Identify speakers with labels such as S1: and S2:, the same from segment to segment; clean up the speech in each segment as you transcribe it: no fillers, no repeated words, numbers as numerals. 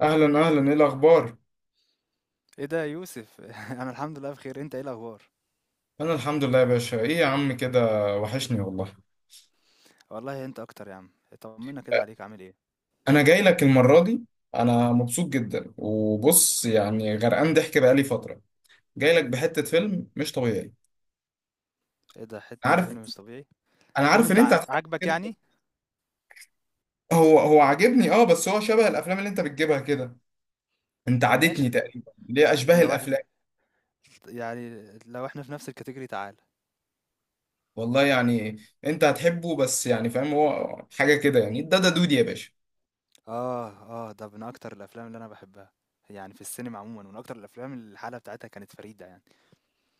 S1: اهلا اهلا، ايه الاخبار؟
S2: ايه ده يا يوسف انا الحمد لله بخير، انت ايه الاخبار؟
S1: انا الحمد لله يا باشا. ايه يا عم كده، وحشني والله.
S2: والله انت اكتر يا عم. طمنا كده، عليك عامل ايه؟
S1: انا جاي لك المره دي انا مبسوط جدا. وبص يعني غرقان ضحك بقالي فتره، جاي لك بحته فيلم مش طبيعي.
S2: ايه ده، حتة
S1: عارف
S2: فيلم مش طبيعي؟
S1: انا
S2: فيلم
S1: عارف ان
S2: انت
S1: انت هتحب
S2: عاجبك
S1: كده.
S2: يعني؟
S1: هو عاجبني، اه، بس هو شبه الافلام اللي انت بتجيبها كده. انت
S2: ماشي
S1: عادتني تقريبا ليه اشباه
S2: لو احنا،
S1: الافلام.
S2: يعني لو احنا في نفس الكاتيجوري تعال.
S1: والله يعني انت هتحبه، بس يعني فاهم، هو حاجه كده يعني، ده دودي يا باشا.
S2: اه اه، ده من اكتر الافلام اللي انا بحبها، يعني في السينما عموما من اكتر الافلام اللي الحالة بتاعتها كانت فريدة يعني.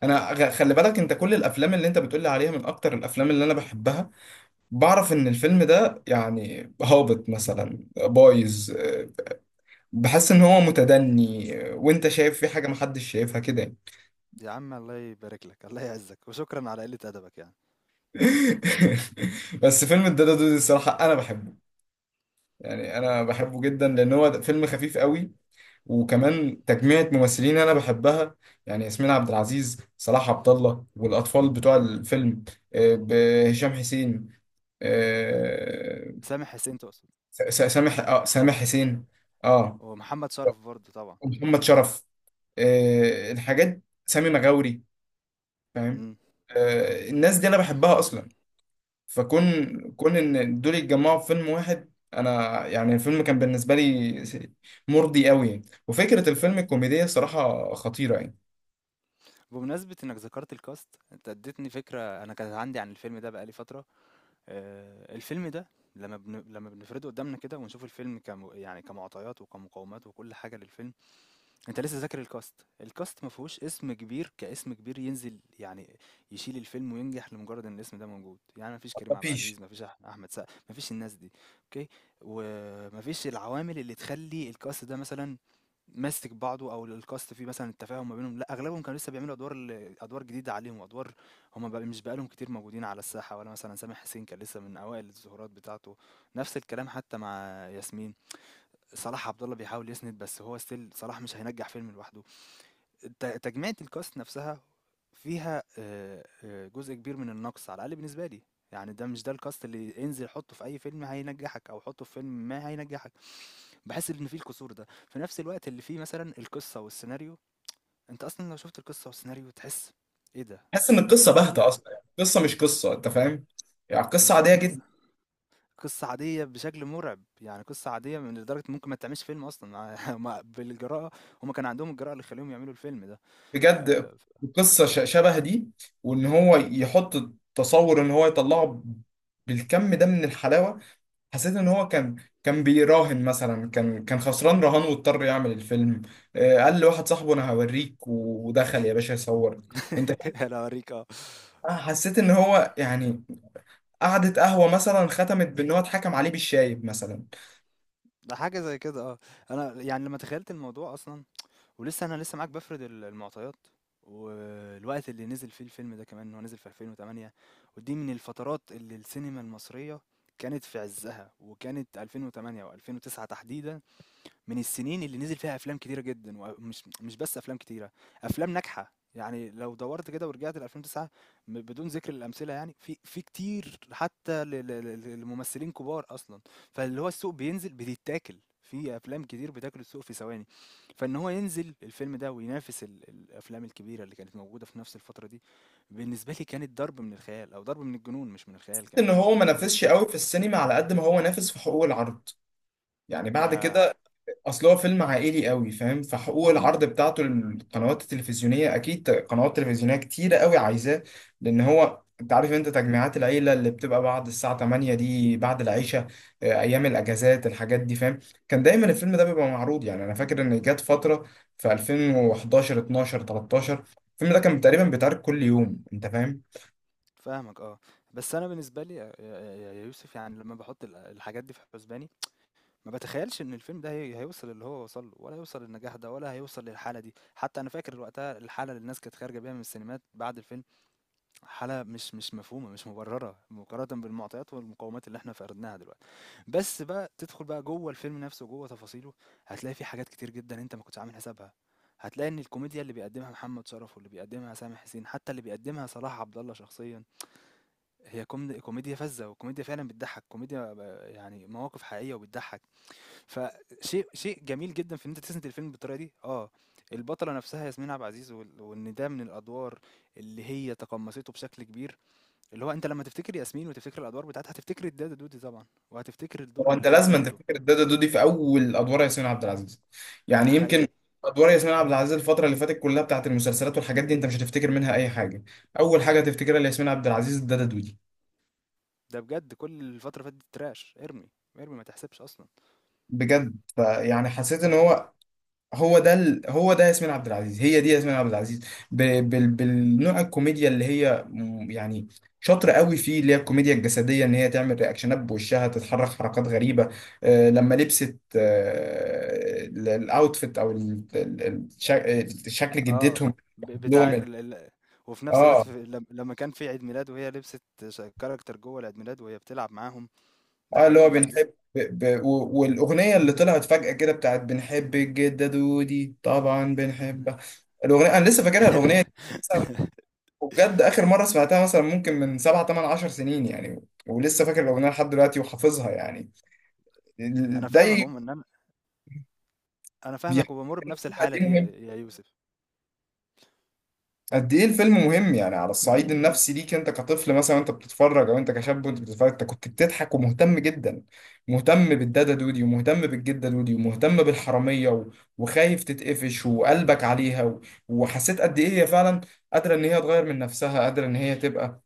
S1: خلي بالك، انت كل الافلام اللي انت بتقولي عليها من اكتر الافلام اللي انا بحبها. بعرف ان الفيلم ده يعني هابط مثلا، بايظ، بحس ان هو متدني، وانت شايف في حاجه محدش شايفها كده يعني.
S2: يا عم الله يبارك لك، الله يعزك، وشكرا على قلة ادبك يعني.
S1: بس فيلم الدادا دودي الصراحه انا بحبه، يعني انا
S2: آه،
S1: بحبه جدا لان هو فيلم خفيف قوي. وكمان تجميعة ممثلين انا بحبها، يعني ياسمين عبد العزيز، صلاح عبد الله، والاطفال بتوع الفيلم، هشام حسين، آه،
S2: سامح حسين تقصد؟
S1: سامح حسين، اه،
S2: ومحمد شرف برضه طبعا.
S1: ومحمد شرف، الحاجات سامي مغاوري، فاهم؟ الناس دي انا بحبها اصلا. فكون كون ان دول يتجمعوا في فيلم واحد، انا يعني الفيلم كان بالنسبه لي مرضي قوي يعني. وفكره الفيلم الكوميديه صراحه خطيره يعني.
S2: بمناسبة انك ذكرت الكاست، انت اديتني فكرة انا كانت عندي عن الفيلم ده بقالي فترة. آه، الفيلم ده لما بنفرده قدامنا كده ونشوف الفيلم يعني كمعطيات وكمقومات وكل حاجة للفيلم، انت لسه ذاكر الكاست. الكاست ما فيهوش اسم كبير كاسم كبير ينزل يعني يشيل الفيلم وينجح لمجرد ان الاسم ده موجود، يعني ما فيش كريم عبد
S1: مفيش.
S2: العزيز، ما فيش احمد سقا، ما فيش الناس دي. اوكي، وما فيش العوامل اللي تخلي الكاست ده مثلا ماسك بعضه، او الكاست فيه مثلا التفاهم ما بينهم، لا اغلبهم كانوا لسه بيعملوا ادوار ادوار جديده عليهم، وادوار هم بقى مش بقالهم كتير موجودين على الساحه، ولا مثلا سامح حسين كان لسه من اوائل الظهورات بتاعته، نفس الكلام حتى مع ياسمين. صلاح عبد الله بيحاول يسند، بس هو ستيل صلاح مش هينجح فيلم لوحده. تجميعة الكاست نفسها فيها جزء كبير من النقص، على الأقل بالنسبة لي. يعني ده مش الكاست اللي انزل حطه في اي فيلم هينجحك، او حطه في فيلم ما هينجحك. بحس ان فيه الكسور ده في نفس الوقت اللي فيه مثلا القصة والسيناريو. انت اصلا لو شفت القصة والسيناريو تحس ايه ده.
S1: حاسس ان
S2: إيه
S1: القصه
S2: ال- إيه
S1: باهته
S2: يعني
S1: اصلا، يعني القصه مش قصه، انت فاهم، يعني قصه عاديه
S2: بالظبط،
S1: جدا.
S2: قصة عادية بشكل مرعب، يعني قصة عادية لدرجة ممكن ما تعملش فيلم أصلا. بالجراءة، هما كان عندهم الجراءة اللي يخليهم يعملوا الفيلم ده.
S1: بجد
S2: آآ
S1: قصه شبه دي، وان هو يحط، تصور ان هو يطلعه بالكم ده من الحلاوه. حسيت ان هو كان، كان بيراهن مثلا، كان خسران رهان واضطر يعمل الفيلم. قال لواحد صاحبه انا هوريك ودخل يا باشا يصور، انت فاهم.
S2: أنا هاورّيك آه.
S1: حسيت ان هو يعني قعدة قهوة مثلا ختمت بان هو اتحكم عليه بالشايب مثلا.
S2: ده حاجة زي كده آه. أنا يعني لمّا تخيّلت الموضوع أصلًا، ولسه أنا معاك بافرد المعطيات، والوقت اللي نزل فيه الفيلم ده كمان، هو نزل في 2008، ودي من الفترات اللي السينما المصرية كانت في عزّها، وكانت 2008 و2009 تحديدًا من السنين اللي نزل فيها افلام كتيره جدا، ومش مش بس افلام كتيره، افلام ناجحه. يعني لو دورت كده ورجعت ل 2009، بدون ذكر الامثله، يعني في كتير حتى لممثلين كبار اصلا. فاللي هو السوق بينزل، بيتاكل في افلام كتير بتاكل السوق في ثواني، فان هو ينزل الفيلم ده وينافس الافلام الكبيره اللي كانت موجوده في نفس الفتره دي، بالنسبه لي كانت ضرب من الخيال، او ضرب من الجنون مش من
S1: حسيت
S2: الخيال
S1: ان
S2: كمان.
S1: هو ما نافسش قوي في السينما على قد ما هو نافس في حقوق العرض. يعني بعد
S2: ده
S1: كده، اصل هو فيلم عائلي قوي، فاهم، فحقوق العرض بتاعته للقنوات التلفزيونيه اكيد قنوات تلفزيونيه كتيره قوي عايزاه. لان هو انت عارف، انت تجميعات العيله اللي بتبقى بعد الساعه 8 دي بعد العشاء، ايام الاجازات، الحاجات دي فاهم، كان دايما الفيلم ده بيبقى معروض. يعني انا فاكر ان جت فتره في 2011 12 13 الفيلم ده كان تقريبا بيتعرض كل يوم، انت فاهم.
S2: فاهمك آه. بس أنا بالنسبة لي يا يوسف، يعني لمّا باحط الحاجات دي في حُسباني، ما باتخيّلش إن الفيلم ده هيوصل للي هو وصل له، ولا هيوصل للنجاح ده، ولا هيوصل للحالة دي. حتّى أنا فاكر وقتها الحالة اللي الناس كانت خارجة بيها من السينمات بعد الفيلم، حالة مش مفهومة، مش مُبرّرة مقارنة بالمعطيات والمقومات اللي إحنا فقدناها دلوقتي. بس بقى تدخُل بقى جوّه الفيلم نفسه وجوّه تفاصيله، هتلاقي في حاجات كتير جدًا أنت ما كنتش عامل حسابها. هتلاقي إن الكوميديا اللي بيقدّمها محمد شرف واللي بيقدّمها سامح حسين، حتّى اللي بيقدّمها صلاح عبد الله شخصيًا، هي كوميديا فذة، وكوميديا فعلًا بتضحّك، كوميديا يعني مواقف حقيقية وبتضحّك، فشيء جميل جدًا في إن أنت تسند الفيلم بالطريقة دي، آه. البطلة نفسها ياسمين عبد العزيز، وال وإن ده من الأدوار اللي هي تقمّصته بشكل كبير، اللي هو أنت لمّا تفتكر ياسمين وتفتكر الأدوار بتاعتها هتفتكر الدادة دودي طبعًا، وهتفتكر الدور
S1: هو انت
S2: اللي هي
S1: لازم انت
S2: عملته،
S1: تفتكر الدادا دودي في اول ادوار ياسمين عبد العزيز،
S2: ده
S1: يعني يمكن
S2: حقيقي.
S1: ادوار ياسمين عبد العزيز الفتره اللي فاتت كلها بتاعت المسلسلات والحاجات دي انت مش هتفتكر منها اي حاجه، اول حاجه هتفتكرها لياسمين عبد العزيز الدادا دودي.
S2: ده بجد كل الفترة اللي فاتت trash، ارمي، ارمي ما تحسبش أصلًا.
S1: بجد فيعني حسيت ان هو، هو ده ياسمين عبد العزيز، هي دي ياسمين عبد العزيز، ب... بالنوع الكوميديا اللي هي يعني شاطره قوي فيه، اللي هي الكوميديا الجسديه، ان هي تعمل رياكشنات، بوشها تتحرك حركات غريبه. لما لبست، الاوتفيت، او شكل
S2: اه،
S1: جدتهم
S2: بتاع
S1: لهم،
S2: وفي نفس الوقت
S1: اه
S2: في... لم- لما كان في عيد ميلاد وهي لبست كاركتر جوه العيد ميلاد وهي بتلعب معاهم، ده
S1: اه اللي هو
S2: حقيقي فعلا.
S1: بنحب، والاغنيه اللي طلعت فجاه كده بتاعت بنحب الجده دودي طبعا بنحبها. الاغنيه انا لسه فاكرها الاغنيه، وبجد اخر مره سمعتها مثلا ممكن من سبعة تمن عشر سنين يعني، ولسه فاكر الاغنيه لحد دلوقتي وحافظها يعني.
S2: انا فاهمك
S1: ده
S2: عموما، ان انا أنا فاهمك
S1: بيحكي
S2: وبمر بنفس
S1: قد
S2: الحاله
S1: ايه
S2: دي يا
S1: مهم،
S2: يا يوسف.
S1: قد ايه الفيلم مهم يعني على الصعيد النفسي ليك، انت كطفل مثلا وانت بتتفرج، او انت كشاب وانت بتتفرج، انت كنت بتضحك ومهتم جدا، مهتم بالدادا دودي ومهتم بالجده دودي ومهتم بالحراميه، و- وخايف تتقفش وقلبك عليها، و- وحسيت قد ايه هي فعلا قادره ان هي تغير من نفسها، قادره ان هي تبقى،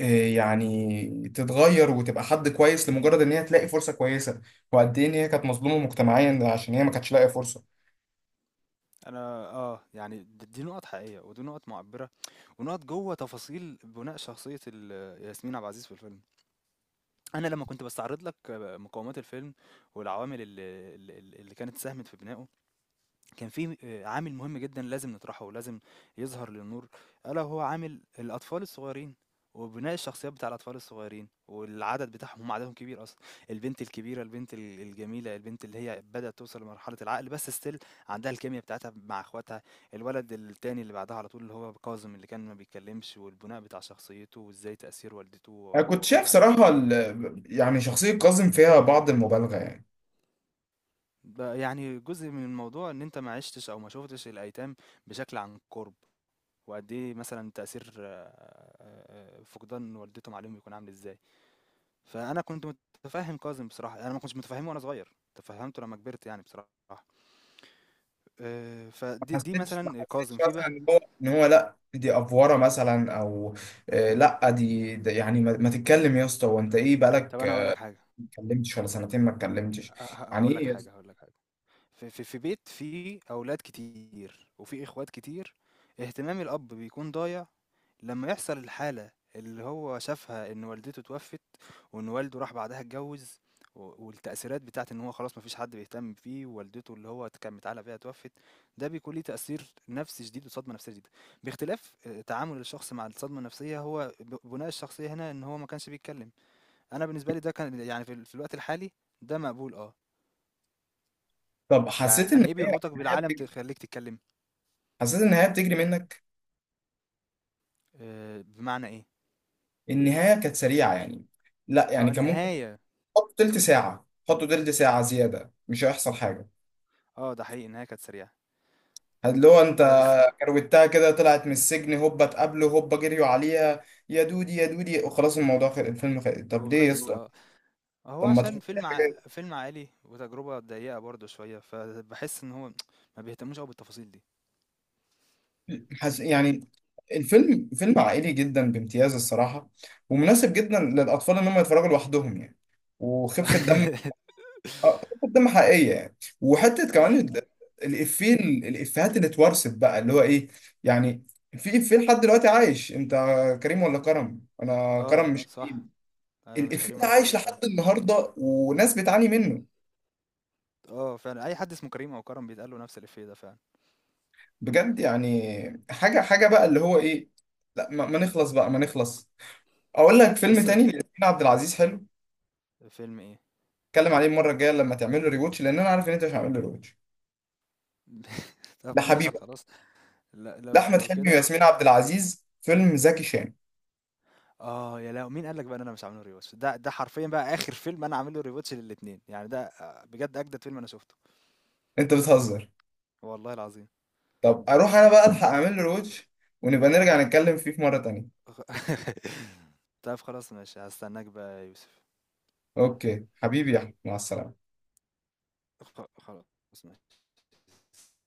S1: يعني تتغير وتبقى حد كويس لمجرد ان هي تلاقي فرصه كويسه، وقد ايه ان هي كانت مظلومه مجتمعيا عشان هي ما كانتش لاقيه فرصه.
S2: انا اه يعني دي نقط حقيقيه ودي نقط معبره، ونقط جوه تفاصيل بناء شخصيه ياسمين عبد العزيز في الفيلم. انا لما كنت بستعرض لك مقومات الفيلم والعوامل اللي كانت ساهمت في بنائه، كان في عامل مهم جدًا لازم نطرحه ولازم يظهر للنور، ألا وهو عامل الأطفال الصغيّرين، وبناء الشخصيات بتاع الأطفال الصغيّرين، والعدد بتاعهم، هم عددهم كبير أصلًا، البنت الكبيرة، البنت الجميلة، البنت اللي هي بدأت توصل لمرحلة العقل بس still عندها الكيميا بتاعتها مع أخواتها، الولد التاني اللي بعدها على طول اللي هو كاظم اللي كان ما بيتكلمش، والبناء بتاع شخصيته وإزاي تأثير والدته و
S1: انا كنت
S2: ووفاة
S1: شايف
S2: عليه،
S1: صراحه، ال- يعني شخصيه كاظم فيها بعض المبالغه يعني.
S2: يعني جزء من الموضوع إن أنت ما عِشتش أو ما شُفتش الأيتام بشكل عن قُرب. وقد إيه مثلًا تأثير فقدان والدتهم عليهم بيكون عامل إزاي. فأنا كنت متفهّم كاظم بصراحة، أنا ما كنتش متفهّمه وأنا صغير، تفهّمته لمّا كبرت يعني بصراحة.
S1: ما
S2: فدي
S1: حسيتش ما
S2: مثلًا
S1: حسيتش
S2: كاظم، في
S1: مثلا
S2: بقى،
S1: ان هو لا دي افوره مثلا، او لا دي يعني ما تتكلم يا اسطى وانت ايه
S2: طَب
S1: بقالك
S2: أنا هاقول لك حاجة،
S1: ما اتكلمتش ولا سنتين ما اتكلمتش.
S2: ه ه
S1: يعني
S2: هاقول لك
S1: ايه يا
S2: حاجة،
S1: اسطى؟
S2: في بيت فيه أولاد كتير وفيه إخوات كتير، اهتمام الأب بيكون ضايع لمّا يحصل الحالة اللي هو شافها، إن والدته اتوفت، وإن والده راح بعدها اتجوّز، والتأثيرات بتاعة إن هو خلاص ما فيش حد بيهتم بيه، ووالدته اللي هو كان متعلق بيها اتوفت، ده بيكون ليه تأثير نفسي شديد وصدمة نفسية شديدة، باختلاف تعامل الشخص مع الصدمة النفسية. هو بُناء الشخصية هنا إن هو ما كانش بيتكلم، أنا بالنسبة لي ده كان يعني في الوقت الحالي ده مقبول آه.
S1: طب حسيت ان
S2: يعني إيه
S1: هي
S2: بيربطك
S1: النهايه
S2: بالعالم
S1: بتجري،
S2: تخلّيك تتكلم؟
S1: حسيت ان النهايه بتجري منك،
S2: بمعنى إيه؟
S1: النهايه كانت سريعه يعني، لا يعني
S2: آه
S1: كان ممكن
S2: النهاية،
S1: حط تلت ساعة، حطه تلت ساعة زيادة مش هيحصل حاجة.
S2: آه ده حقيقي، النهاية كانت سريعة.
S1: اللي هو انت
S2: س
S1: كروتها كده، طلعت من السجن هوبا، اتقابله هوبا، جريوا عليها يا دودي يا دودي، وخلاص الموضوع خلص الفيلم خلص. طب ليه يا
S2: وخلص
S1: اسطى؟
S2: آه. هو
S1: طب ما تحط
S2: عشان
S1: لي حاجة.
S2: فيلم عائلي وتجربة ضيقة برضه شوية، فبحس إن هو ما بيهتموش أوي بالتفاصيل دي.
S1: يعني الفيلم فيلم عائلي جدا بامتياز الصراحة، ومناسب جدا للأطفال إن هم يتفرجوا لوحدهم يعني. وخفة دم اه قدام حقيقيه يعني. وحته كمان
S2: آه،
S1: الافيه، الافيهات اللي اتورثت بقى، اللي هو ايه يعني، في افيه لحد دلوقتي عايش، انت كريم ولا كرم؟ انا كرم
S2: آه،
S1: مش
S2: صح،
S1: كريم.
S2: أنا مش
S1: الافيه
S2: كريم،
S1: ده
S2: أنا
S1: عايش
S2: كرم فعلًا.
S1: لحد النهارده وناس بتعاني منه.
S2: آه فعلًا، أي حد اسمه كريم أو كرم بيتقال له نفس الإفيه ده فعلًا.
S1: بجد يعني حاجه، حاجه بقى اللي هو ايه. لا ما نخلص بقى، ما نخلص. اقول لك فيلم
S2: بس
S1: تاني لياسمين عبد العزيز حلو،
S2: فيلم إيه؟
S1: اتكلم عليه المره الجايه لما تعمل له ريواتش، لان انا عارف ان انت مش هعمل له ريواتش.
S2: طب ماشي
S1: لحبيبه،
S2: خلاص. لو
S1: لاحمد
S2: لو
S1: حلمي
S2: كده،
S1: وياسمين عبد العزيز، فيلم زكي شان.
S2: آه يا لهوي، مين قال لك بقى إن أنا مش عامل له rewatch؟ ده حرفيًا بقى آخر فيلم أنا عامل له rewatch للاتنين يعني، ده آه، بجد أجدد فيلم أنا شُفته،
S1: انت بتهزر.
S2: والله العظيم.
S1: طب اروح انا بقى الحق اعمل له روتش، ونبقى نرجع نتكلم فيه في مرة تانية.
S2: طب خلاص ماشي، هاستناك بقى يا يوسف.
S1: اوكي حبيبي يا احمد، مع السلامة.
S2: خلاص، ماشي.